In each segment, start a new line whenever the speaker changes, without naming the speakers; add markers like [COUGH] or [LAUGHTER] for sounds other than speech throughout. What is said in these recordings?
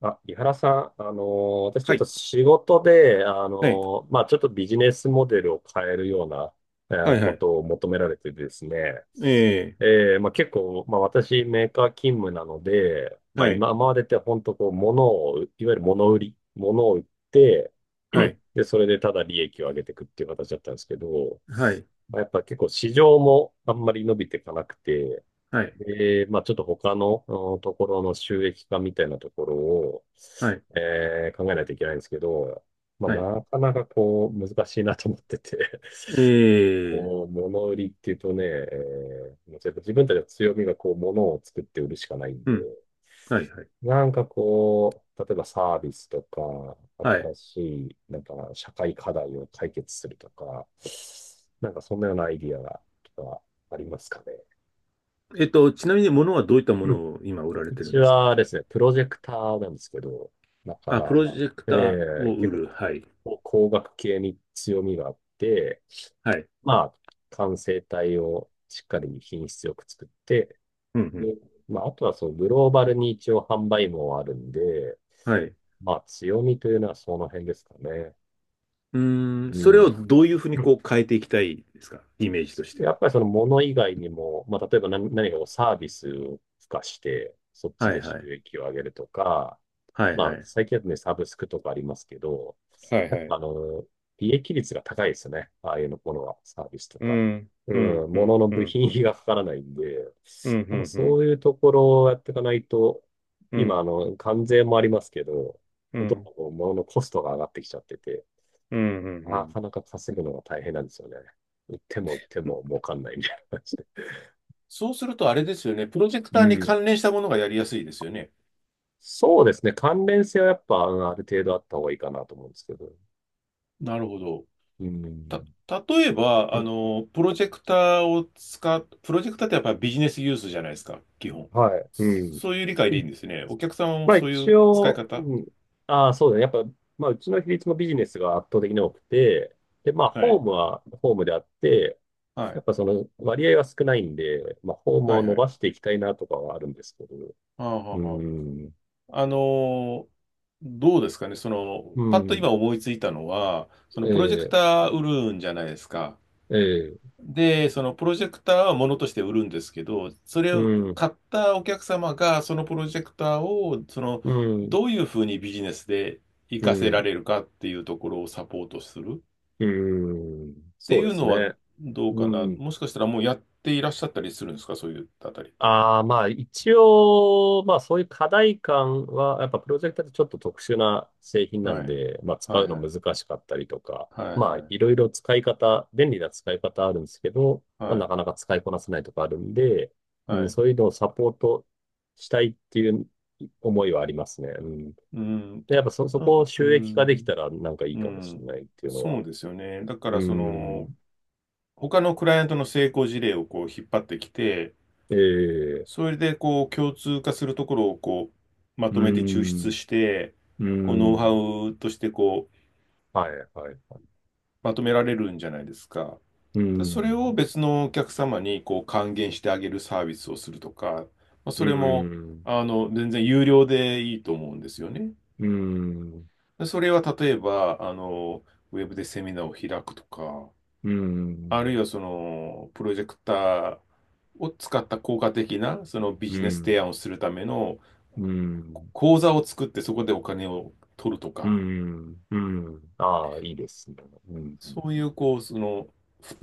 あ、井原さん、私ちょ
は
っと
い。
仕事で、
はい。
ちょっとビジネスモデルを変えるような、
はい。は
こ
い。
とを求められてですね、
ええ。
結構、まあ、私メーカー勤務なので、まあ、
はい。
今までって本当こう、物を、いわゆる物売り、物を売って、
はい。
[CLEARS THROAT] で、それでただ利益を上げていくっていう形だったんですけど、
はい。
まあ、やっぱ結構市場もあんまり伸びていかなくて、
はい。
で、まあ、ちょっと他のところの収益化みたいなところを、
はい。
考えないといけないんですけど、まあ、
はい。
なかなかこう、難しいなと思ってて、
ええ。
こ [LAUGHS] う物売りっていうとね、もうちょっと自分たちの強みがこう、物を作って売るしかないん
う
で、
ん。はい。はい。
なんかこう、例えばサービスとか、
はい。
新しい、なんか社会課題を解決するとか、なんかそんなようなアイディアとかありますかね。
ちなみに物はどういったもの
[LAUGHS]
を今売られ
う
てるん
ち
でしたっ
は
け？
ですね、プロジェクターなんですけど、だか
あ、プ
ら、
ロ
ま
ジ
あ、
ェク
え
ターを売
結
る。
構
は
こ
い。
う、工学系に強みがあって、
はい。
まあ、完成体をしっかり品質よく作って、
うんうん。
で、まあ、あとはそのグローバルに一応販売網はあるんで、
はい。
まあ、強みというのはその辺ですかね。
うーん。
う
それを
ん。
どういうふうにこう変えていきたいですか、イメージとしては？
やっぱりその物以外にも、まあ、例えば何かこうサービスを付加して、そっち
はい
で収
はい。
益を上げるとか、
はい
ま
は
あ、
い。
最近だとね、サブスクとかありますけど、
はい
や
は
っぱ
い。
あの、利益率が高いですよね。ああいうのものは、サービスと
う
か。
ん。
う
うん。
ん、
う
も
ん。
のの
う
部
ん。
品
うん。
費がかからないんで、
うん。
やっぱ
う
そ
ん。
ういうところをやっていかないと、
う
今、
ん。
あの、関税もありますけど、
うん。
ど
う
んどん
ん。
こう物のコストが上がってきちゃってて、
うん。うんう
な
ん。
かなか稼ぐのが大変なんですよね。売っても売っても儲かんないみたいな感じで。
そうするとあれですよね。プロジェクタ
う
ーに
ん。
関連したものがやりやすいですよね。
そうですね。関連性はやっぱ、うん、ある程度あった方がいいかなと思うんですけど。
なるほど。
うん。
た、例えば、あの、プロジェクターってやっぱりビジネスユースじゃないですか、基本。
はい。うん。
そういう理解でいいんですね。お客様も
まあ
そうい
一
う使い
応、
方。
うん。ああ、そうだね。やっぱ、まあうちの比率もビジネスが圧倒的に多くて、で、まあ
は
ホ
い。
ームはホームであって、
は
やっ
い。
ぱその割合は少ないんで、まあホーム
は
を
い
伸
は
ば
い。
していきたいなとかはあるんですけど、
ああ、はあ
う
は
ん。
あ。ーどうですかね。その、
う
パッと
ん。
今思いついたのは、その
え
プロジェク
え、
ター売るんじゃないですか。
ええ、
で、そのプロジェクターはものとして売るんですけど、それ
う
を
ん。
買ったお客様が、そのプロジェクターを、その、
うん。
どういうふうにビジネスで活
う
かせら
ん。
れるかっていうところをサポートするっ
うん。
て
そ
い
うで
う
す
のは
ね。
どう
う
かな。
ん。
もしかしたらもうやっていらっしゃったりするんですか、そういうあたりっていうの
ああ、まあ一応、まあそういう課題感は、やっぱプロジェクターってちょっと特殊な製品な
は？は
ん
い。
で、まあ使
は
う
い
の
はい。
難しかったりとか、
はい
まあ
は
い
い。
ろいろ使い方、便利な使い方あるんですけど、ま
は
あなか
い。
なか使いこなせないとかあるんで、う
は
ん、
い。
そういうのをサポートしたいっていう思いはありますね。うん。
うん。
で、やっぱそ
あ
こを
う
収益化でき
ん。
たらなんかいい
う
かもしれ
ん。
ないっていうの
そ
は。
うですよね。だか
う
ら、その、
ん。
他のクライアントの成功事例をこう引っ張ってきて、
ええ、
それで、こう、共通化するところを、こう、ま
う
とめて抽出
ん。
して、
う
こう、ノウハ
ん。
ウとして、こう、
はい、はい、はい。
まとめられるんじゃないですか。
う
だそれを
ん。
別のお客様に、こう、還元してあげるサービスをするとか、まあ、そ
う
れも、
ん、
あの、全然有料でいいと思うんですよね。
うん、
でそれは、例えば、あの、ウェブでセミナーを開くとか、
うん、う
あるいは、その、プロジェクターを使った効果的な、そのビ
ん、
ジネス提案
う
をするための、
ん、
口座を作ってそこでお金を取ると
う
か、
ん、うん。ああ、いいですね。うん、
そういう、こう、その、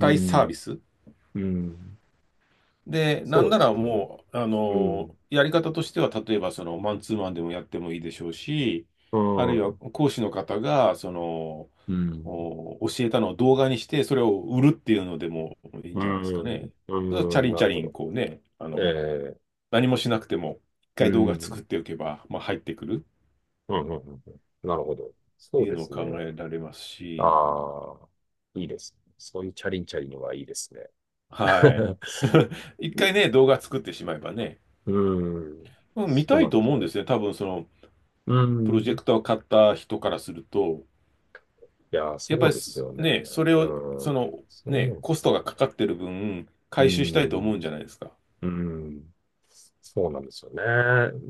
う
帯サービ
ん、
ス
うん。
で、な
そ
ん
う
な
です
ら
ね。
もう、あ
うん、
の、やり方としては、例えば、その、マンツーマンでもやってもいいでしょうし、
う
あるいは
ん、
講師の方が、その、
うん、
お教えたのを動画にして、それを売るっていうのでもいいん
う
じゃないですかね。
ん、
それはチャ
うん、
リン
な
チャ
るほ
リン、
ど。
こうね、あ
え
の、
え、
何もしなくても、一
う
回動画作
ん、
っておけば、まあ、入ってくる
うん、うん、うんなるほど。
って
そう
いう
で
のを
す
考
ね。
えられますし、
ああ、いいですね。そういうチャリンチャリンのはいいですね。
はい。
[LAUGHS]
[LAUGHS] 一回ね、動画作ってしまえばね、
うん、
うん、見
そう
た
な
い
ん
と
です
思う
ね。
んですね。多分その、
う
プロジェ
ん。
クターを買った人からすると、
いやー、
やっ
そ
ぱ
う
り
です
す
よね。
ね、それを、
う
そ
ん。
の、
そ
ね、
うで
コ
す
ス
よ
トがかか
ね。
ってる分、
う
回収したいと思う
ん。
んじゃないですか。
うん。そうなんですよね。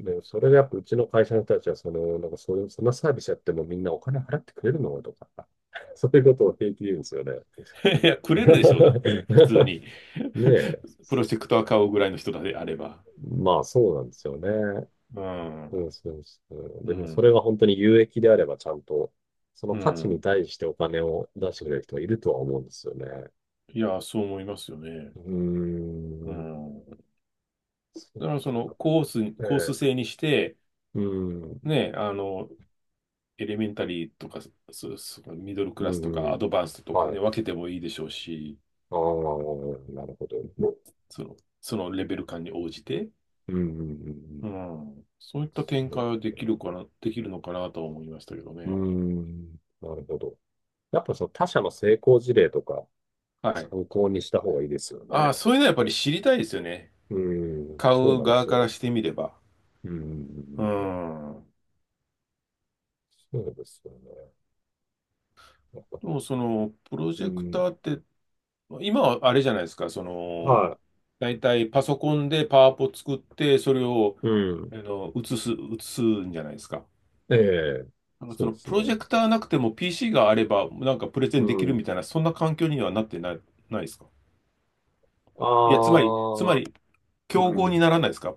で、それがやっぱうちの会社の人たちは、その、なんかそういう、そんなサービスやってもみんなお金払ってくれるのとか、[LAUGHS] そういうことを平気で言うんですよね。
[LAUGHS] いや、くれるでしょう、だって、普通に。
[LAUGHS] ねえ。
[LAUGHS] プロジェクター買うぐらいの人であれば。
まあそうなんですよね。
う
う
ん、
ん、そうそう。
う
でもそれが
ん、
本当に有益であればちゃんと、その
う
価値に
ん。
対してお金を出してくれる人がいるとは思うんですよね。
いや、そう思いますよね。
うー
う
ん。
ん。だからそのコース、
え
コース
え、
制にして、
うん、
ね、あの、エレメンタリーとか、そ、そのミドルク
う
ラスと
ん、う
か、ア
ん、
ドバンストとか
は
ね、
い。
分けてもいいでしょうし、
ああ、なるほど。
その、そのレベル感に応じて、
うん、うん、う
う
ん。
ん、そういった展
そう
開
で
は
す
でき
ね。
るかな、できるのかなとは思いましたけど
う
ね。
ん、なるほど。やっぱその他社の成功事例とか
はい。
参考にした方がいいですよね。
ああ、そういうのはやっぱり知りたいですよね。
うん、
買
そう
う
なんで
側
す
から
よ。
してみれば。
う
う
ん、
ん。
そうですよね。やっぱ、
でもその、プロジ
う
ェク
ん、
ターって、今はあれじゃないですか、その、
は
大体パソコンでパワポ作って、それを、
い、うん、
あの、映すんじゃないですか。
ええ、
なんか
そ
そ
う
の
です
プロジ
ね。
ェクターなくても PC があればなんかプレゼ
う
ンできるみ
ん、
たいな、そんな環境にはなってない、ないですか？いや、つまり、つま
ああ、
り、
う
競合に
ん。
ならないですか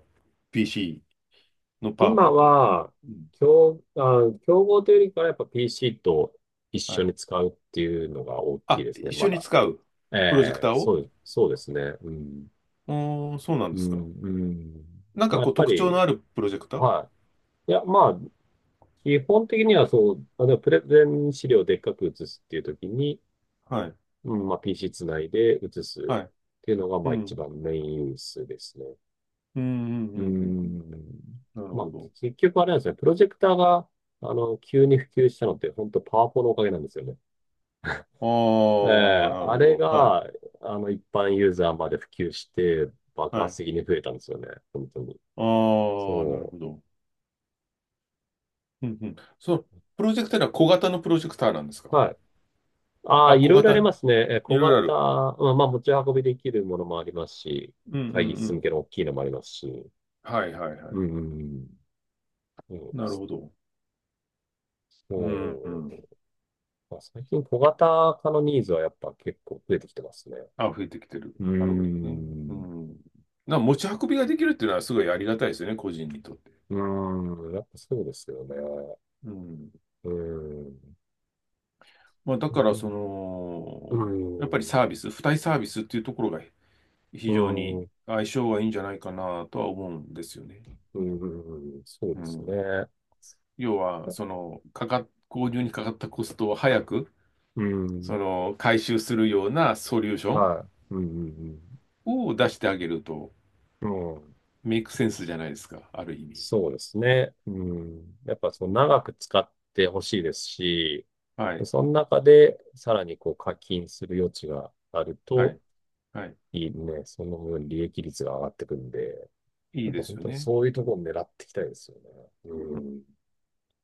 ?PC のパワ
今
ポと。
は、
うん。
競合というよりかはやっぱ PC と一
は
緒
い。
に使うっていうのが大きい
あ、
ですね、
一
ま
緒に
だ。
使うプロジェク
え
ターを。
そうですね。うん。
うーん、そうなん
う
ですか。
ん、うん。
なん
ま
か
あ、や
こ
っ
う
ぱ
特徴の
り、
あるプロジェクター。
はい。いや、まあ、基本的にはそう、あの、プレゼン資料をでっかく写すっていう時に、
はい。
うん、まあ、PC つないで写すっ
はい。
ていうのが、
う
まあ、一
ん。
番メインユースですね。
うん、うん、
う
う
ー
ん、うん。うん。
ん。
なる
ま
ほ
あ、
ど。
結局あれなんですね。プロジェクターが、あの、急に普及したのって、本当パワポのおかげなんですよね。
あ
え
あ、
え、
なる
あ
ほ
れ
ど。は
が、
い。
あの、一般ユーザーまで普及して、爆
は
発
い。
的に増えたんですよね。本当に。
ああ、なる
そ
ほど。うん、うん。その、プロジェクターは小型のプロジェクターなんですか？
う。はい。ああ、
あ、
い
小
ろいろあり
型、
ますね。
い
小
ろいろあ
型、
る。
まあ、まあ、持ち運びできるものもありますし、
うんうん
会議
う
室向
ん。
けの大きいのもありますし。
はいはいはい。
うん。そうで
なる
す
ほ
ね。
ど。
う
うんう
ん、
ん。
まあ最近小型化のニーズはやっぱ結構増えてきてますね。
あ、増えてきてる。
うー
なるほどね。う
ん。
ん。な、持ち運びができるっていうのはすごいありがたいですよね、個人にとって。
うーん。やっぱそうですよね。
うん。
うーん。
まあ、だ
う
から、そ
ん、うー
の、やっぱりサ
ん。
ービス、付帯サービスっていうところが
う
非常
ー
に
ん。
相性がいいんじゃないかなとは思うんですよね。
うーん。そう
う
です
ん。
ね。
要は、その、購入にかかったコストを早く、
う
そ
ん。
の、回収するようなソリューション
はい。うん。
を出してあげると、
うん。うん。
メイクセンスじゃないですか、ある意味。
そうですね。うん。やっぱその長く使ってほしいですし、
はい、
その中でさらにこう課金する余地がある
は
と
い、はい。
いいね。その分利益率が上がってくるんで、
い
や
い
っぱ
です
本
よ
当に
ね。
そういうところを狙っていきたいですよね。う
うん。
ん。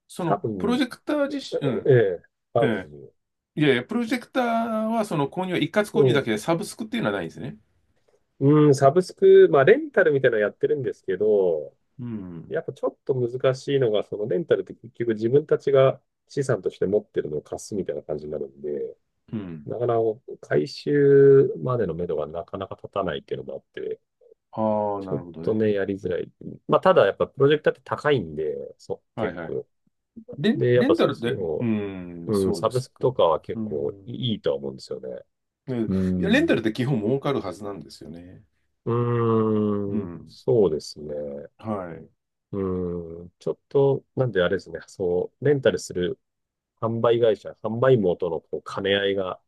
そ
多
の、プロ
分、
ジェクター自身、う
え
ん、
え、あ
え
る、どう
え、いやいや、プロジェクターはその購入は一括購入だけで、サブスクっていうのはないんですね。
うん、うん、サブスク、まあ、レンタルみたいなのやってるんですけど、
うん、
やっぱちょっと難しいのが、そのレンタルって結局自分たちが資産として持ってるのを貸すみたいな感じになるんで、
うん。
なかなか回収までの目処がなかなか立たないっていうのもあって、
ああ、
ちょ
な
っ
るほど
とね、
ね。
やりづらい。まあ、ただやっぱプロジェクターって高いんで、そう、
はい
結
はい。
構。で、やっ
レ
ぱ
ンタルで、うん、
うん、
そう
サ
で
ブ
す
スク
か。
とかは結
う
構
ん。
いいとは思うんですよね。
ね。
う
いや、レンタルっ
ん。
て基本儲かるはずなんですよね。
う
う
ーん、
ん。
そうですね。
はい。
うーん、ちょっと、なんであれですね、そう、レンタルする販売会社、販売網とのこう兼ね合いが、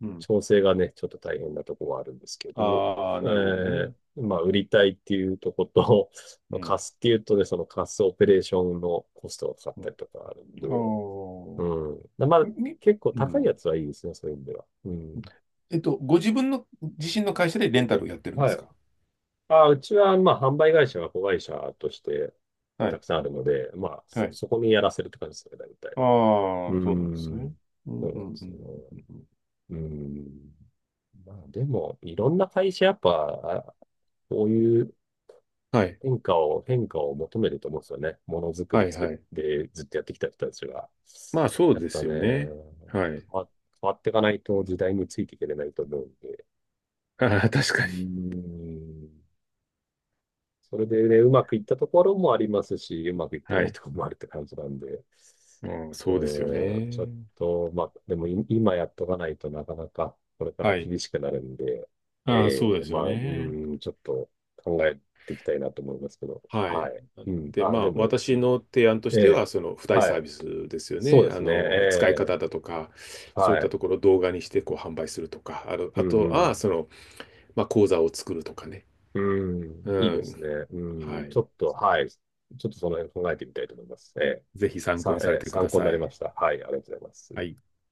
うん。
調整がね、ちょっと大変なところはあるんですけど、
ああ、なるほどね。
まあ、売りたいっていうとこと、[LAUGHS] ま
う
あ
ん。
貸すっていうとね、その貸すオペレーションのコストがかかっ
う
た
ん。
りとかあるんで、
あ
う
あ、
ん。ま
み、
あ、
み
結構
う
高いや
ん。
つはいいですね、そういう意味では。うん。
ご自分の自身の会社でレンタルをやってるんで
は
す
い、
か？
あ、うちは、まあ、販売会社が子会社として
は
た
い。
くさんあるので、まあ、
はい。
そこにやらせるって感じですね、大体。
あ
うー
あ、そうなんですね。
ん。
う
そ
ん
う
う
なん
ん
で
うんう
すよ。
んうんうん。
うーん。まあ、でも、いろんな会社、やっぱ、あこういう
はい。
変化を求めると思うんですよね。ものづく
は
り
い
作っ
はい。
てずっとやってきた人たちが。
まあそう
やっ
で
ぱ
す
ね、
よね。はい。
わ、変わっていかないと時代についていけれないと思うんで。
ああ、確
うー
かに。
ん。それでね、うまくいったところもありますし、うまくいって
は
ない
い。
ところもあるって感じなんで、
まあ
う
そうですよ
ーん、ちょっ
ね。
と、まあ、でも今やっとかないとなかなかこれから
はい。
厳しくなるんで、
ああ、
え
そう
え、
です
ま
よ
あ、う
ね。
ーん、ちょっと考えていきたいなと思いますけど、
は
は
い。
い。うん、
で、
あ、
ま
で
あ
も、い
私の提案と
え
しては、
え
その付帯
は
サー
い。
ビスですよ
そう
ね。
で
あ
すね、
の、使い
え
方だとか、そういっ
は
た
い。
ところを動画にしてこう販売するとか、あの、
う
あと
ん、う
は、
ん。
その、まあ講座を作るとかね。
うん、
う
いいですね。
ん。
う
は
ん、
い。
ちょっと、はい。ちょっとその辺考えてみたいと思います。えー、
ぜひ参考
さ、
にされ
えー
てく
参
だ
考に
さ
なりま
い。
した。はい、ありがとうございます。
はい。